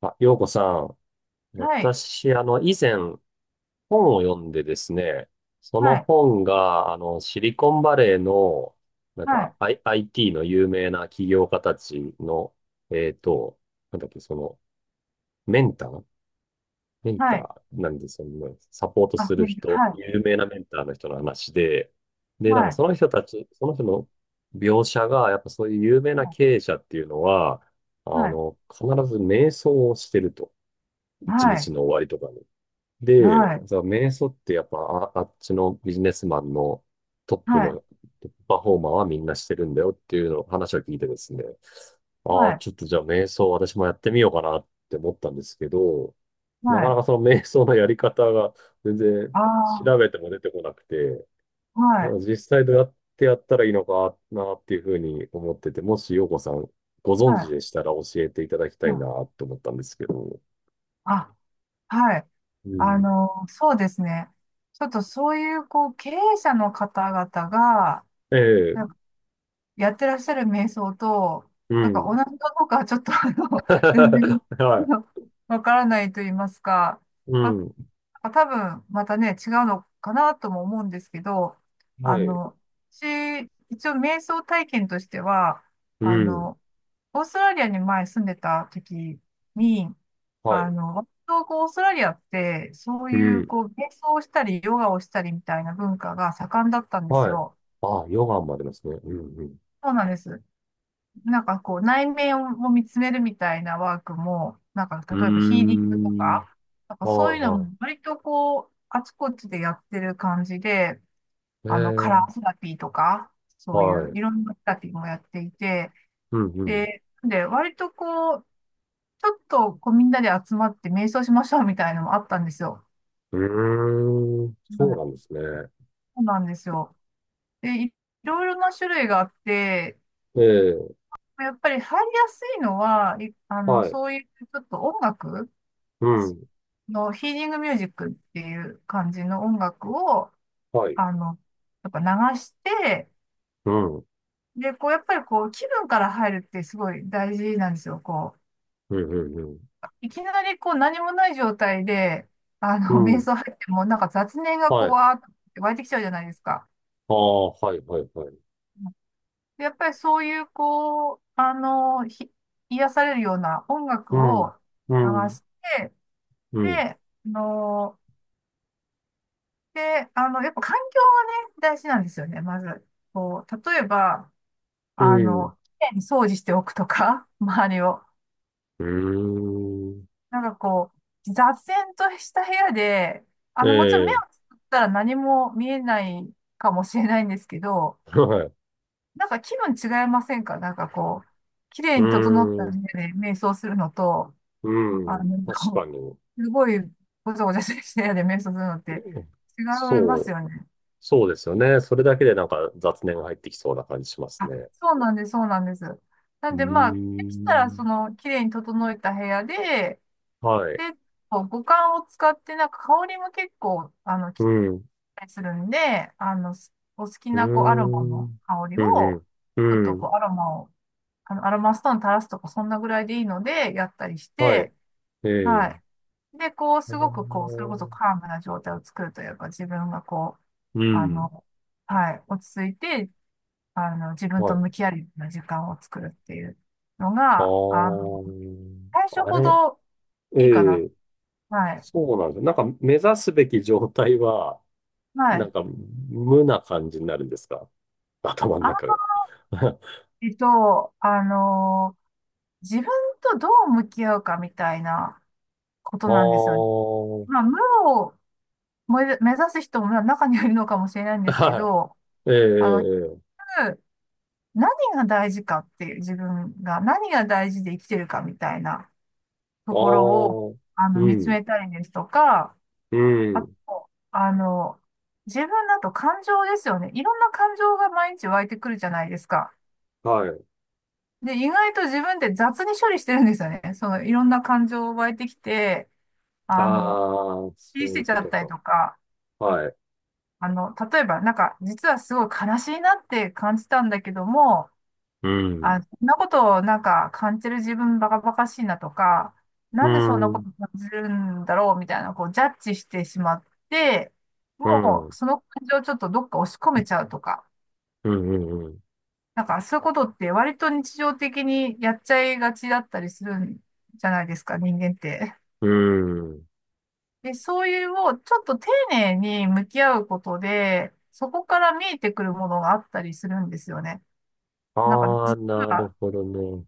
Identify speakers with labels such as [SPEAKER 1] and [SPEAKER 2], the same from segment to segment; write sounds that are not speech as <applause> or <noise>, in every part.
[SPEAKER 1] あ、ようこさん。
[SPEAKER 2] はい、
[SPEAKER 1] 私、以前、本を読んでですね、その
[SPEAKER 2] はい、
[SPEAKER 1] 本が、シリコンバレーの、なん
[SPEAKER 2] は
[SPEAKER 1] か、
[SPEAKER 2] い、
[SPEAKER 1] IT の有名な起業家たちの、えっと、なんだっけ、メンターメン
[SPEAKER 2] は
[SPEAKER 1] タ
[SPEAKER 2] い、
[SPEAKER 1] ーなんですよね。サポートす
[SPEAKER 2] あ、
[SPEAKER 1] る
[SPEAKER 2] ね、
[SPEAKER 1] 人、
[SPEAKER 2] はい、
[SPEAKER 1] 有名なメンターの人の話で、なん
[SPEAKER 2] は
[SPEAKER 1] か
[SPEAKER 2] い、
[SPEAKER 1] その人たち、その人の描写が、やっぱそういう有名な経営者っていうのは、
[SPEAKER 2] はい、
[SPEAKER 1] 必ず瞑想をしてると。一日の終わりとかに。で、
[SPEAKER 2] はい、
[SPEAKER 1] さ、瞑想ってやっぱあ、あっちのビジネスマンの
[SPEAKER 2] はい、
[SPEAKER 1] トップパフォーマーはみんなしてるんだよっていうの話を聞いてですね、
[SPEAKER 2] は
[SPEAKER 1] あ
[SPEAKER 2] い、
[SPEAKER 1] あ、
[SPEAKER 2] はい、
[SPEAKER 1] ちょっとじゃあ瞑想私もやってみようかなって思ったんですけど、
[SPEAKER 2] は
[SPEAKER 1] なかな
[SPEAKER 2] い、
[SPEAKER 1] かその瞑想のやり方が全然
[SPEAKER 2] ああ、
[SPEAKER 1] 調べても出てこなくて、
[SPEAKER 2] はい、
[SPEAKER 1] 実際どうやってやったらいいのかなっていうふうに思ってて、もし陽子さんご存知
[SPEAKER 2] は
[SPEAKER 1] でしたら教えていただきた
[SPEAKER 2] い、
[SPEAKER 1] い
[SPEAKER 2] は
[SPEAKER 1] な
[SPEAKER 2] い、
[SPEAKER 1] と思ったんですけど。
[SPEAKER 2] あ、はい。
[SPEAKER 1] うん。
[SPEAKER 2] そうですね。ちょっとそういう、こう、経営者の方々が、
[SPEAKER 1] ええ、
[SPEAKER 2] なんかやってらっしゃる瞑想と、
[SPEAKER 1] う
[SPEAKER 2] なんか同
[SPEAKER 1] ん。
[SPEAKER 2] じかどうかはちょっと、全然、
[SPEAKER 1] <laughs> は
[SPEAKER 2] あのわからないと言いますか、
[SPEAKER 1] い。うん。
[SPEAKER 2] あ、多分、またね、違うのかなとも思うんですけど、あ
[SPEAKER 1] はい。
[SPEAKER 2] の、私、一応瞑想体験としては、
[SPEAKER 1] う
[SPEAKER 2] あ
[SPEAKER 1] ん。
[SPEAKER 2] の、オーストラリアに前住んでた時に、
[SPEAKER 1] はい。
[SPEAKER 2] 割とこう、オーストラリアって、そう
[SPEAKER 1] う
[SPEAKER 2] いう、
[SPEAKER 1] ん。
[SPEAKER 2] こう、瞑想をしたり、ヨガをしたりみたいな文化が盛んだったんです
[SPEAKER 1] はい。
[SPEAKER 2] よ。
[SPEAKER 1] ああ、ヨガもありますね。うん
[SPEAKER 2] そうなんです。なんかこう、内面を見つめるみたいなワークも、なんか
[SPEAKER 1] う
[SPEAKER 2] 例えばヒーリングと
[SPEAKER 1] ん。うー
[SPEAKER 2] か、
[SPEAKER 1] ん。
[SPEAKER 2] なんかそういうの
[SPEAKER 1] は
[SPEAKER 2] も割とこう、あちこちでやってる感じで、
[SPEAKER 1] いはい。
[SPEAKER 2] カ
[SPEAKER 1] え
[SPEAKER 2] ラ
[SPEAKER 1] え、
[SPEAKER 2] ーセラピーとか、そうい
[SPEAKER 1] は
[SPEAKER 2] う
[SPEAKER 1] い。
[SPEAKER 2] いろんなセラピーもやっていて、
[SPEAKER 1] うんうん。
[SPEAKER 2] で、割とこう、ちょっとこうみんなで集まって瞑想しましょうみたいなのもあったんですよ。
[SPEAKER 1] うーん。
[SPEAKER 2] う
[SPEAKER 1] そう
[SPEAKER 2] ん、
[SPEAKER 1] なんですね。
[SPEAKER 2] そうなんですよ。で、いろいろな種類があって、
[SPEAKER 1] ええ、
[SPEAKER 2] やっぱり入りやすいのは、いあの、
[SPEAKER 1] はい。
[SPEAKER 2] そういうちょっと音楽、
[SPEAKER 1] うん。
[SPEAKER 2] のヒーリングミュージックっていう感じの音楽を、
[SPEAKER 1] はい。
[SPEAKER 2] あの、やっぱ流して、
[SPEAKER 1] うん。うん
[SPEAKER 2] で、こう、やっぱりこう、気分から入るってすごい大事なんですよ。こう、
[SPEAKER 1] うん
[SPEAKER 2] いきなりこう、何もない状態で、
[SPEAKER 1] う
[SPEAKER 2] <laughs>
[SPEAKER 1] ん。う
[SPEAKER 2] 瞑
[SPEAKER 1] ん。
[SPEAKER 2] 想入っても、なんか雑念がこ
[SPEAKER 1] は
[SPEAKER 2] う、
[SPEAKER 1] い。
[SPEAKER 2] わーって湧いてきちゃうじゃないですか。
[SPEAKER 1] ああ、はいはいはい。
[SPEAKER 2] で、やっぱりそういう、こう、癒されるような音楽
[SPEAKER 1] うん。
[SPEAKER 2] を
[SPEAKER 1] う
[SPEAKER 2] 流
[SPEAKER 1] ん。
[SPEAKER 2] して、
[SPEAKER 1] うん。
[SPEAKER 2] で、あので、あの、やっぱ環境がね、大事なんですよね、まず。こう、例えば、
[SPEAKER 1] うん。
[SPEAKER 2] きれいに掃除しておくとか、<laughs> 周りを。
[SPEAKER 1] うーん。
[SPEAKER 2] なんかこう、雑然とした部屋で、
[SPEAKER 1] え
[SPEAKER 2] もちろん目を
[SPEAKER 1] え、
[SPEAKER 2] つぶったら何も見えないかもしれないんですけど、
[SPEAKER 1] <laughs> はい。
[SPEAKER 2] なんか気分違いませんか。なんかこう、きれ
[SPEAKER 1] う
[SPEAKER 2] いに整った
[SPEAKER 1] ー
[SPEAKER 2] 部
[SPEAKER 1] ん。
[SPEAKER 2] 屋で瞑想するのと、
[SPEAKER 1] う
[SPEAKER 2] あ
[SPEAKER 1] ん。
[SPEAKER 2] の、
[SPEAKER 1] 確
[SPEAKER 2] <laughs>
[SPEAKER 1] かに。
[SPEAKER 2] すごいごちゃごちゃしてる部屋で瞑想するのって
[SPEAKER 1] うん。
[SPEAKER 2] 違います
[SPEAKER 1] そう、
[SPEAKER 2] よね。
[SPEAKER 1] そうですよね。それだけでなんか雑念が入ってきそうな感じします
[SPEAKER 2] あ、
[SPEAKER 1] ね。
[SPEAKER 2] そうなんです、そうなんです。な
[SPEAKER 1] う
[SPEAKER 2] ん
[SPEAKER 1] ー
[SPEAKER 2] で、まあ、できたら、そ
[SPEAKER 1] ん。
[SPEAKER 2] の、綺麗に整えた部屋で、
[SPEAKER 1] はい。
[SPEAKER 2] で、こう五感を使って、なんか香りも結構、き
[SPEAKER 1] う
[SPEAKER 2] っ
[SPEAKER 1] ん。う
[SPEAKER 2] たりするんで、お好き
[SPEAKER 1] ー
[SPEAKER 2] な、こう、アロマ
[SPEAKER 1] ん。う
[SPEAKER 2] の
[SPEAKER 1] ん、
[SPEAKER 2] 香り
[SPEAKER 1] う
[SPEAKER 2] を、
[SPEAKER 1] ん。
[SPEAKER 2] ちょっ
[SPEAKER 1] う
[SPEAKER 2] と、
[SPEAKER 1] ん。
[SPEAKER 2] こう、アロマを、アロマストーン垂らすとか、そんなぐらいでいいので、やったりし
[SPEAKER 1] はい。
[SPEAKER 2] て、
[SPEAKER 1] ええ。
[SPEAKER 2] はい。で、こう、
[SPEAKER 1] あ
[SPEAKER 2] すごく、こう、それこそ
[SPEAKER 1] の
[SPEAKER 2] カームな状態を作るというか、自分が、こう、
[SPEAKER 1] う
[SPEAKER 2] あ
[SPEAKER 1] ん。
[SPEAKER 2] の、はい、落ち着いて、自分
[SPEAKER 1] は
[SPEAKER 2] と
[SPEAKER 1] い。
[SPEAKER 2] 向き合うような時間を作るっていうの
[SPEAKER 1] あ
[SPEAKER 2] が、
[SPEAKER 1] ー
[SPEAKER 2] 最初
[SPEAKER 1] あ
[SPEAKER 2] ほ
[SPEAKER 1] れ、
[SPEAKER 2] どいいかな。
[SPEAKER 1] ええ、
[SPEAKER 2] はい。
[SPEAKER 1] そうなんですよ。なんか目指すべき状態は、
[SPEAKER 2] は
[SPEAKER 1] なん
[SPEAKER 2] い。
[SPEAKER 1] か無な感じになるんですか、頭の
[SPEAKER 2] あん
[SPEAKER 1] 中
[SPEAKER 2] ま
[SPEAKER 1] が？<laughs> あ
[SPEAKER 2] りと、自分とどう向き合うかみたいなことなんですよね。
[SPEAKER 1] あ、
[SPEAKER 2] まあ、無を目指す人も中にはいるのかもしれないんですけ
[SPEAKER 1] は
[SPEAKER 2] ど、
[SPEAKER 1] い。ええ、え
[SPEAKER 2] あの、
[SPEAKER 1] ええ
[SPEAKER 2] 何が大事かっていう、自分が何が大事で生きてるかみたいな
[SPEAKER 1] あ
[SPEAKER 2] ところを、
[SPEAKER 1] あ、う
[SPEAKER 2] 見つ
[SPEAKER 1] ん、
[SPEAKER 2] めたりですとか、
[SPEAKER 1] う
[SPEAKER 2] あ
[SPEAKER 1] ん、
[SPEAKER 2] と、自分だと感情ですよね。いろんな感情が毎日湧いてくるじゃないですか。
[SPEAKER 1] はい。
[SPEAKER 2] で、意外と自分で雑に処理してるんですよね。その、いろんな感情湧いてきて、あ
[SPEAKER 1] あ
[SPEAKER 2] の、
[SPEAKER 1] あ、そ
[SPEAKER 2] 切
[SPEAKER 1] う
[SPEAKER 2] り捨
[SPEAKER 1] い
[SPEAKER 2] て
[SPEAKER 1] う
[SPEAKER 2] ち
[SPEAKER 1] こ
[SPEAKER 2] ゃっ
[SPEAKER 1] と
[SPEAKER 2] たり
[SPEAKER 1] か。
[SPEAKER 2] とか、
[SPEAKER 1] はい。
[SPEAKER 2] 例えば、なんか、実はすごい悲しいなって感じたんだけども、
[SPEAKER 1] う
[SPEAKER 2] あ、
[SPEAKER 1] ん、
[SPEAKER 2] そんなことをなんか感じる自分バカバカしいなとか、な
[SPEAKER 1] う
[SPEAKER 2] んでそんな
[SPEAKER 1] ん、う
[SPEAKER 2] こ
[SPEAKER 1] ん、
[SPEAKER 2] と感じるんだろうみたいな、こうジャッジしてしまって、
[SPEAKER 1] う
[SPEAKER 2] もう
[SPEAKER 1] ん、
[SPEAKER 2] その感情をちょっとどっか押し込めちゃうとか、
[SPEAKER 1] うん、うん。
[SPEAKER 2] なんかそういうことって割と日常的にやっちゃいがちだったりするんじゃないですか、人間って。
[SPEAKER 1] うん。
[SPEAKER 2] で、そういうをちょっと丁寧に向き合うことで、そこから見えてくるものがあったりするんですよね。なんか
[SPEAKER 1] ああ、
[SPEAKER 2] 実
[SPEAKER 1] なる
[SPEAKER 2] は、
[SPEAKER 1] ほどね。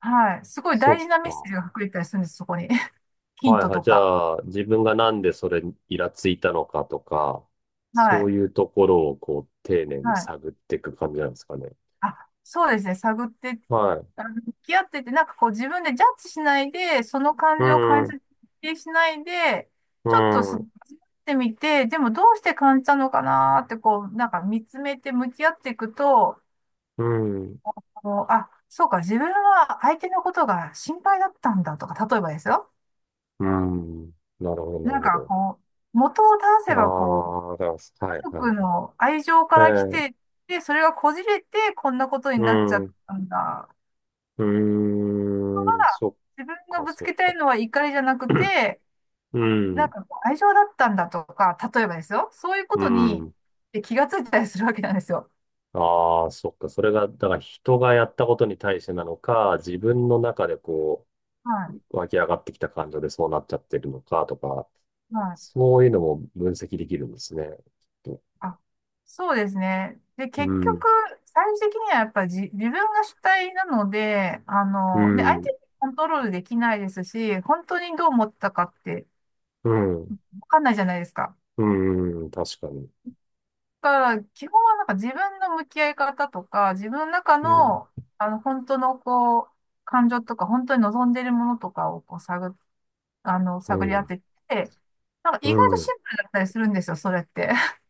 [SPEAKER 2] はい、すごい
[SPEAKER 1] そ
[SPEAKER 2] 大事な
[SPEAKER 1] っ
[SPEAKER 2] メッセー
[SPEAKER 1] か。
[SPEAKER 2] ジが隠れてたりするんです、そこに。ヒン
[SPEAKER 1] はい
[SPEAKER 2] ト
[SPEAKER 1] はい。
[SPEAKER 2] と
[SPEAKER 1] じ
[SPEAKER 2] か。
[SPEAKER 1] ゃあ、自分がなんでそれにイラついたのかとか、
[SPEAKER 2] は
[SPEAKER 1] そう
[SPEAKER 2] い。
[SPEAKER 1] いうところをこう、丁寧に
[SPEAKER 2] はい。
[SPEAKER 1] 探っていく感じなんですかね。
[SPEAKER 2] あ、そうですね。探って、
[SPEAKER 1] はい。
[SPEAKER 2] 向き合ってて、なんかこう自分でジャッジしないで、その
[SPEAKER 1] う
[SPEAKER 2] 感情を感
[SPEAKER 1] ん、
[SPEAKER 2] じ
[SPEAKER 1] う
[SPEAKER 2] てしないで、
[SPEAKER 1] ん、
[SPEAKER 2] ちょっとそ味わってみて、でもどうして感じたのかなーってこう、なんか見つめて向き合っていくと、
[SPEAKER 1] うん、
[SPEAKER 2] あ、そうか、自分は相手のことが心配だったんだとか、例えばですよ。
[SPEAKER 1] うん。なるほど、なる
[SPEAKER 2] なん
[SPEAKER 1] ほ
[SPEAKER 2] か
[SPEAKER 1] ど。
[SPEAKER 2] こう、元を正
[SPEAKER 1] あ
[SPEAKER 2] せばこう、
[SPEAKER 1] あ、だから、は
[SPEAKER 2] 家
[SPEAKER 1] いは
[SPEAKER 2] 族
[SPEAKER 1] い、
[SPEAKER 2] の愛情か
[SPEAKER 1] え
[SPEAKER 2] ら来
[SPEAKER 1] え、
[SPEAKER 2] てて、それがこじれて、こんなことに
[SPEAKER 1] う
[SPEAKER 2] なっちゃ
[SPEAKER 1] ん、
[SPEAKER 2] っ
[SPEAKER 1] う
[SPEAKER 2] たんだ。
[SPEAKER 1] ーん、そっ
[SPEAKER 2] 自分が
[SPEAKER 1] か、
[SPEAKER 2] ぶつ
[SPEAKER 1] そ
[SPEAKER 2] けた
[SPEAKER 1] っ
[SPEAKER 2] い
[SPEAKER 1] か。
[SPEAKER 2] のは怒りじゃなく
[SPEAKER 1] <clears throat>
[SPEAKER 2] て、
[SPEAKER 1] う
[SPEAKER 2] なん
[SPEAKER 1] ん、
[SPEAKER 2] かこう愛情だったんだとか、例えばですよ。そういうこ
[SPEAKER 1] う
[SPEAKER 2] とに
[SPEAKER 1] ん。
[SPEAKER 2] 気がついたりするわけなんですよ。
[SPEAKER 1] ああ、そっか。それが、だから人がやったことに対してなのか、自分の中でこ
[SPEAKER 2] は
[SPEAKER 1] う、湧き上がってきた感情でそうなっちゃってるのかとか、
[SPEAKER 2] い。はい。
[SPEAKER 1] そういうのも分析できるんですね。きっと。
[SPEAKER 2] あ、そうですね。で、
[SPEAKER 1] う
[SPEAKER 2] 結局、
[SPEAKER 1] ん、
[SPEAKER 2] 最終的にはやっぱり自分が主体なので、
[SPEAKER 1] う
[SPEAKER 2] ね、相
[SPEAKER 1] ん、
[SPEAKER 2] 手にコントロールできないですし、本当にどう思ったかって
[SPEAKER 1] うん、
[SPEAKER 2] わかんないじゃないですか。
[SPEAKER 1] うん、確かに。
[SPEAKER 2] から基本はなんか自分の向き合い方とか、自分の中
[SPEAKER 1] うん、
[SPEAKER 2] の、本当のこう、感情とか、本当に望んでいるものとかをこう探、あの、
[SPEAKER 1] う
[SPEAKER 2] 探り当
[SPEAKER 1] ん、
[SPEAKER 2] てて、なんか
[SPEAKER 1] う
[SPEAKER 2] 意外とシ
[SPEAKER 1] ん、
[SPEAKER 2] ンプルだったりするんですよ、それって。<laughs>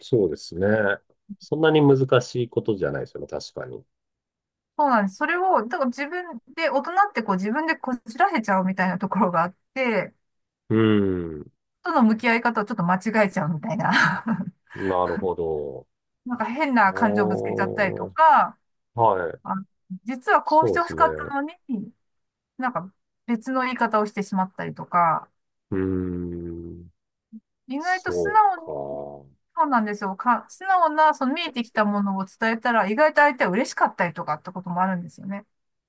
[SPEAKER 1] そうですね。そんなに難しいことじゃないですよね、確かに。
[SPEAKER 2] そうなんです。それを、だから自分で、大人ってこう自分でこじらせちゃうみたいなところがあって、
[SPEAKER 1] うん。
[SPEAKER 2] との向き合い方をちょっと間違えちゃうみたいな。<laughs>
[SPEAKER 1] なるほど。
[SPEAKER 2] なんか変な感情ぶつけちゃったりと
[SPEAKER 1] お
[SPEAKER 2] か、
[SPEAKER 1] ー、はい。
[SPEAKER 2] あ実はこうし
[SPEAKER 1] そう
[SPEAKER 2] て
[SPEAKER 1] で
[SPEAKER 2] ほ
[SPEAKER 1] す
[SPEAKER 2] しかっ
[SPEAKER 1] ね。
[SPEAKER 2] たのに、なんか別の言い方をしてしまったりとか、
[SPEAKER 1] うーん。
[SPEAKER 2] 意外と素
[SPEAKER 1] そう
[SPEAKER 2] 直に、
[SPEAKER 1] か。
[SPEAKER 2] そうなんですよ。か、素直な、その見えてきたものを伝えたら、意外と相手は嬉しかったりとかってこともあるんですよね。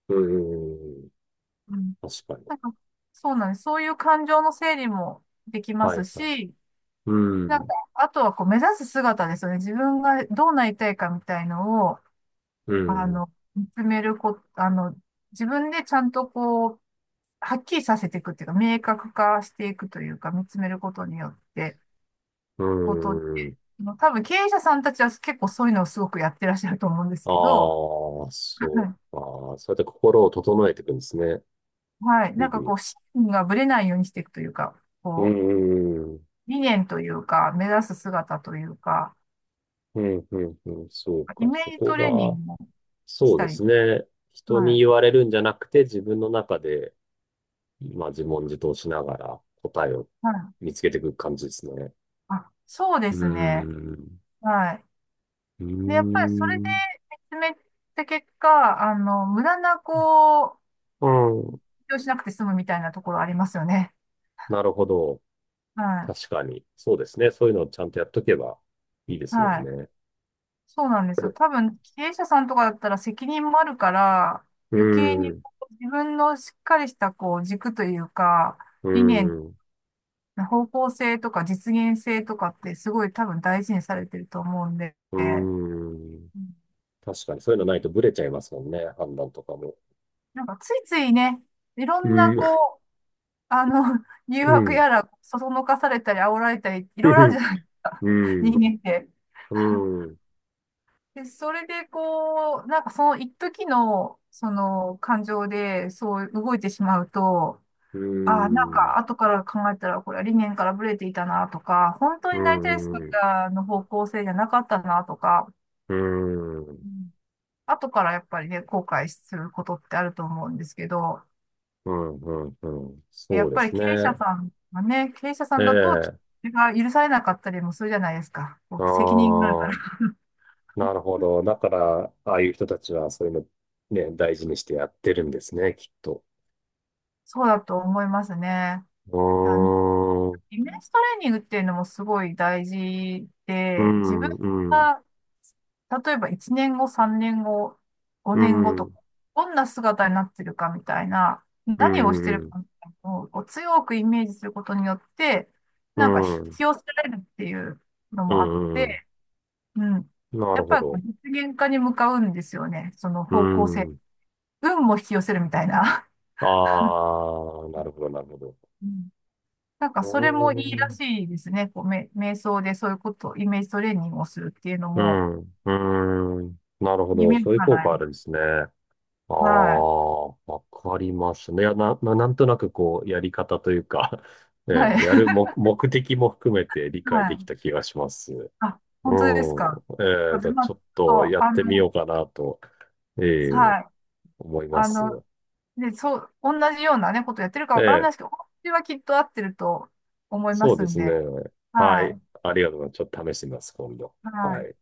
[SPEAKER 1] うーん。
[SPEAKER 2] うん。
[SPEAKER 1] 確かに。
[SPEAKER 2] なんか、そうなんです。そういう感情の整理もできま
[SPEAKER 1] は
[SPEAKER 2] す
[SPEAKER 1] いはい。
[SPEAKER 2] し、
[SPEAKER 1] うー
[SPEAKER 2] なんか、
[SPEAKER 1] ん。
[SPEAKER 2] あとはこう目指す姿ですよね。自分がどうなりたいかみたいのを、
[SPEAKER 1] うん。
[SPEAKER 2] 見つめるこ、あの、自分でちゃんとこう、はっきりさせていくっていうか、明確化していくというか、見つめることによって、
[SPEAKER 1] う
[SPEAKER 2] こと
[SPEAKER 1] ーん。
[SPEAKER 2] 多分経営者さんたちは結構そういうのをすごくやってらっしゃると思うんです
[SPEAKER 1] あ
[SPEAKER 2] けど、
[SPEAKER 1] あ、そう
[SPEAKER 2] は
[SPEAKER 1] か。そうやって心を整えていくんですね。
[SPEAKER 2] い。はい。な
[SPEAKER 1] 日
[SPEAKER 2] んか
[SPEAKER 1] 々
[SPEAKER 2] こう、
[SPEAKER 1] に。
[SPEAKER 2] 信念がぶれないようにしていくというか、
[SPEAKER 1] うー
[SPEAKER 2] こう、
[SPEAKER 1] ん。
[SPEAKER 2] 理念というか、目指す姿というか、
[SPEAKER 1] うん、うん、うん。そう
[SPEAKER 2] イ
[SPEAKER 1] か。
[SPEAKER 2] メー
[SPEAKER 1] そ
[SPEAKER 2] ジ
[SPEAKER 1] こ
[SPEAKER 2] トレーニ
[SPEAKER 1] が、
[SPEAKER 2] ングをし
[SPEAKER 1] そう
[SPEAKER 2] た
[SPEAKER 1] で
[SPEAKER 2] り。
[SPEAKER 1] すね。人
[SPEAKER 2] は
[SPEAKER 1] に
[SPEAKER 2] い。
[SPEAKER 1] 言われるんじゃなくて、自分の中で、まあ自問自答しながら答えを
[SPEAKER 2] はい。
[SPEAKER 1] 見つけていく感じですね。
[SPEAKER 2] あ、そうで
[SPEAKER 1] うー
[SPEAKER 2] すね。
[SPEAKER 1] ん。
[SPEAKER 2] はい。
[SPEAKER 1] うー
[SPEAKER 2] で、やっぱりそれで
[SPEAKER 1] ん。
[SPEAKER 2] 見つめた結果、無駄なこう、
[SPEAKER 1] う
[SPEAKER 2] 勉
[SPEAKER 1] ん。
[SPEAKER 2] 強しなくて済むみたいなところありますよね。
[SPEAKER 1] なるほど。
[SPEAKER 2] は
[SPEAKER 1] 確かに。そうですね。そういうのをちゃんとやっとけばいいで
[SPEAKER 2] い。
[SPEAKER 1] すも
[SPEAKER 2] は
[SPEAKER 1] ん
[SPEAKER 2] い。
[SPEAKER 1] ね。
[SPEAKER 2] そうなんですよ。多分、経営者さんとかだったら責任もあるから、
[SPEAKER 1] う
[SPEAKER 2] 余計
[SPEAKER 1] ー
[SPEAKER 2] に
[SPEAKER 1] ん。
[SPEAKER 2] こう自分のしっかりしたこう軸というか、
[SPEAKER 1] う
[SPEAKER 2] 理念、
[SPEAKER 1] ーん。
[SPEAKER 2] 方向性とか実現性とかってすごい多分大事にされてると思うんで、
[SPEAKER 1] うー
[SPEAKER 2] う
[SPEAKER 1] ん。
[SPEAKER 2] ん。
[SPEAKER 1] 確かに。そういうのないとブレちゃいますもんね。判断とかも。
[SPEAKER 2] なんかついついね、いろ
[SPEAKER 1] う
[SPEAKER 2] んな
[SPEAKER 1] ーん。
[SPEAKER 2] こう、あの、<laughs> 誘
[SPEAKER 1] う
[SPEAKER 2] 惑
[SPEAKER 1] ん。
[SPEAKER 2] やら、そそのかされたり、煽られたり、いろ
[SPEAKER 1] う
[SPEAKER 2] いろあるじ
[SPEAKER 1] ん。
[SPEAKER 2] ゃないですか、
[SPEAKER 1] う
[SPEAKER 2] <laughs> 人
[SPEAKER 1] ん。
[SPEAKER 2] 間って。
[SPEAKER 1] うん。
[SPEAKER 2] で、それでこう、なんかその一時の、その感情で、そう動いてしまうと、
[SPEAKER 1] う
[SPEAKER 2] ああ、なん
[SPEAKER 1] ん。う
[SPEAKER 2] か、
[SPEAKER 1] ん。
[SPEAKER 2] 後から考えたら、これは理念からブレていたなとか、本当
[SPEAKER 1] う
[SPEAKER 2] になりたい
[SPEAKER 1] ん。うん。
[SPEAKER 2] 姿の方向性じゃなかったなとか、うん、後からやっぱりね、後悔することってあると思うんですけど、
[SPEAKER 1] うん。うん。
[SPEAKER 2] や
[SPEAKER 1] そう
[SPEAKER 2] っ
[SPEAKER 1] で
[SPEAKER 2] ぱり
[SPEAKER 1] すね。
[SPEAKER 2] 経営者さんがね、経営者さ
[SPEAKER 1] え
[SPEAKER 2] んだと、ちょっと
[SPEAKER 1] え、
[SPEAKER 2] それが許されなかったりもするじゃないですか。こ
[SPEAKER 1] あ
[SPEAKER 2] う責任があるから。
[SPEAKER 1] あ、なるほど。だから、ああいう人たちはそういうのね、大事にしてやってるんですね、きっと。
[SPEAKER 2] そうだと思いますね。
[SPEAKER 1] う
[SPEAKER 2] あの
[SPEAKER 1] ーん、
[SPEAKER 2] イメージトレーニングっていうのもすごい大事
[SPEAKER 1] う
[SPEAKER 2] で、自分
[SPEAKER 1] ん、うん、
[SPEAKER 2] が、例えば1年後、3年後、
[SPEAKER 1] う
[SPEAKER 2] 5年後
[SPEAKER 1] ん、う
[SPEAKER 2] と
[SPEAKER 1] ん、
[SPEAKER 2] か、どんな姿になってるかみたいな、
[SPEAKER 1] う
[SPEAKER 2] 何をしてる
[SPEAKER 1] ん、
[SPEAKER 2] かみたいなのをこう強くイメージすることによって、
[SPEAKER 1] う
[SPEAKER 2] なんか引
[SPEAKER 1] ん、
[SPEAKER 2] き寄せられるっていうの
[SPEAKER 1] う
[SPEAKER 2] もあっ
[SPEAKER 1] ん、うん。
[SPEAKER 2] て、うん。
[SPEAKER 1] な
[SPEAKER 2] や
[SPEAKER 1] る
[SPEAKER 2] っ
[SPEAKER 1] ほ
[SPEAKER 2] ぱりこう
[SPEAKER 1] ど。
[SPEAKER 2] 実現化に向かうんですよね。その
[SPEAKER 1] う
[SPEAKER 2] 方向性。
[SPEAKER 1] ん、
[SPEAKER 2] 運も引き寄せるみたいな。
[SPEAKER 1] ああ、なるほど、なるほど。
[SPEAKER 2] うん。なんか
[SPEAKER 1] う
[SPEAKER 2] それもい
[SPEAKER 1] ー
[SPEAKER 2] いら
[SPEAKER 1] ん、
[SPEAKER 2] しいですね。こう、瞑想でそういうこと、イメージトレーニングをするっていうの
[SPEAKER 1] う
[SPEAKER 2] も、
[SPEAKER 1] ん、うーん、なるほ
[SPEAKER 2] 夢
[SPEAKER 1] ど。
[SPEAKER 2] 見る
[SPEAKER 1] そういう
[SPEAKER 2] か
[SPEAKER 1] 効
[SPEAKER 2] ない。
[SPEAKER 1] 果あるんですね。ああ、
[SPEAKER 2] はい。
[SPEAKER 1] わかりますね。いや、なんとなくこう、やり方というか <laughs> ね、
[SPEAKER 2] はい。
[SPEAKER 1] やる
[SPEAKER 2] <laughs>
[SPEAKER 1] 目的も含めて理
[SPEAKER 2] は
[SPEAKER 1] 解でき
[SPEAKER 2] い。
[SPEAKER 1] た気がします。うん。
[SPEAKER 2] あ、本当ですか。あ、でまあ、
[SPEAKER 1] ち
[SPEAKER 2] ちょ
[SPEAKER 1] ょっと
[SPEAKER 2] っ
[SPEAKER 1] や
[SPEAKER 2] と、
[SPEAKER 1] ってみようかなと、えー、
[SPEAKER 2] はい。
[SPEAKER 1] 思いま
[SPEAKER 2] あ
[SPEAKER 1] す。
[SPEAKER 2] の、で、そう、同じようなね、ことやってるか
[SPEAKER 1] え
[SPEAKER 2] わからない
[SPEAKER 1] ー、
[SPEAKER 2] ですけど、私はきっと合ってると思いま
[SPEAKER 1] そう
[SPEAKER 2] す
[SPEAKER 1] で
[SPEAKER 2] ん
[SPEAKER 1] すね。
[SPEAKER 2] で。
[SPEAKER 1] は
[SPEAKER 2] は
[SPEAKER 1] い。
[SPEAKER 2] い。
[SPEAKER 1] ありがとうございます。ちょっと試してみます、今度。
[SPEAKER 2] は
[SPEAKER 1] は
[SPEAKER 2] い。
[SPEAKER 1] い。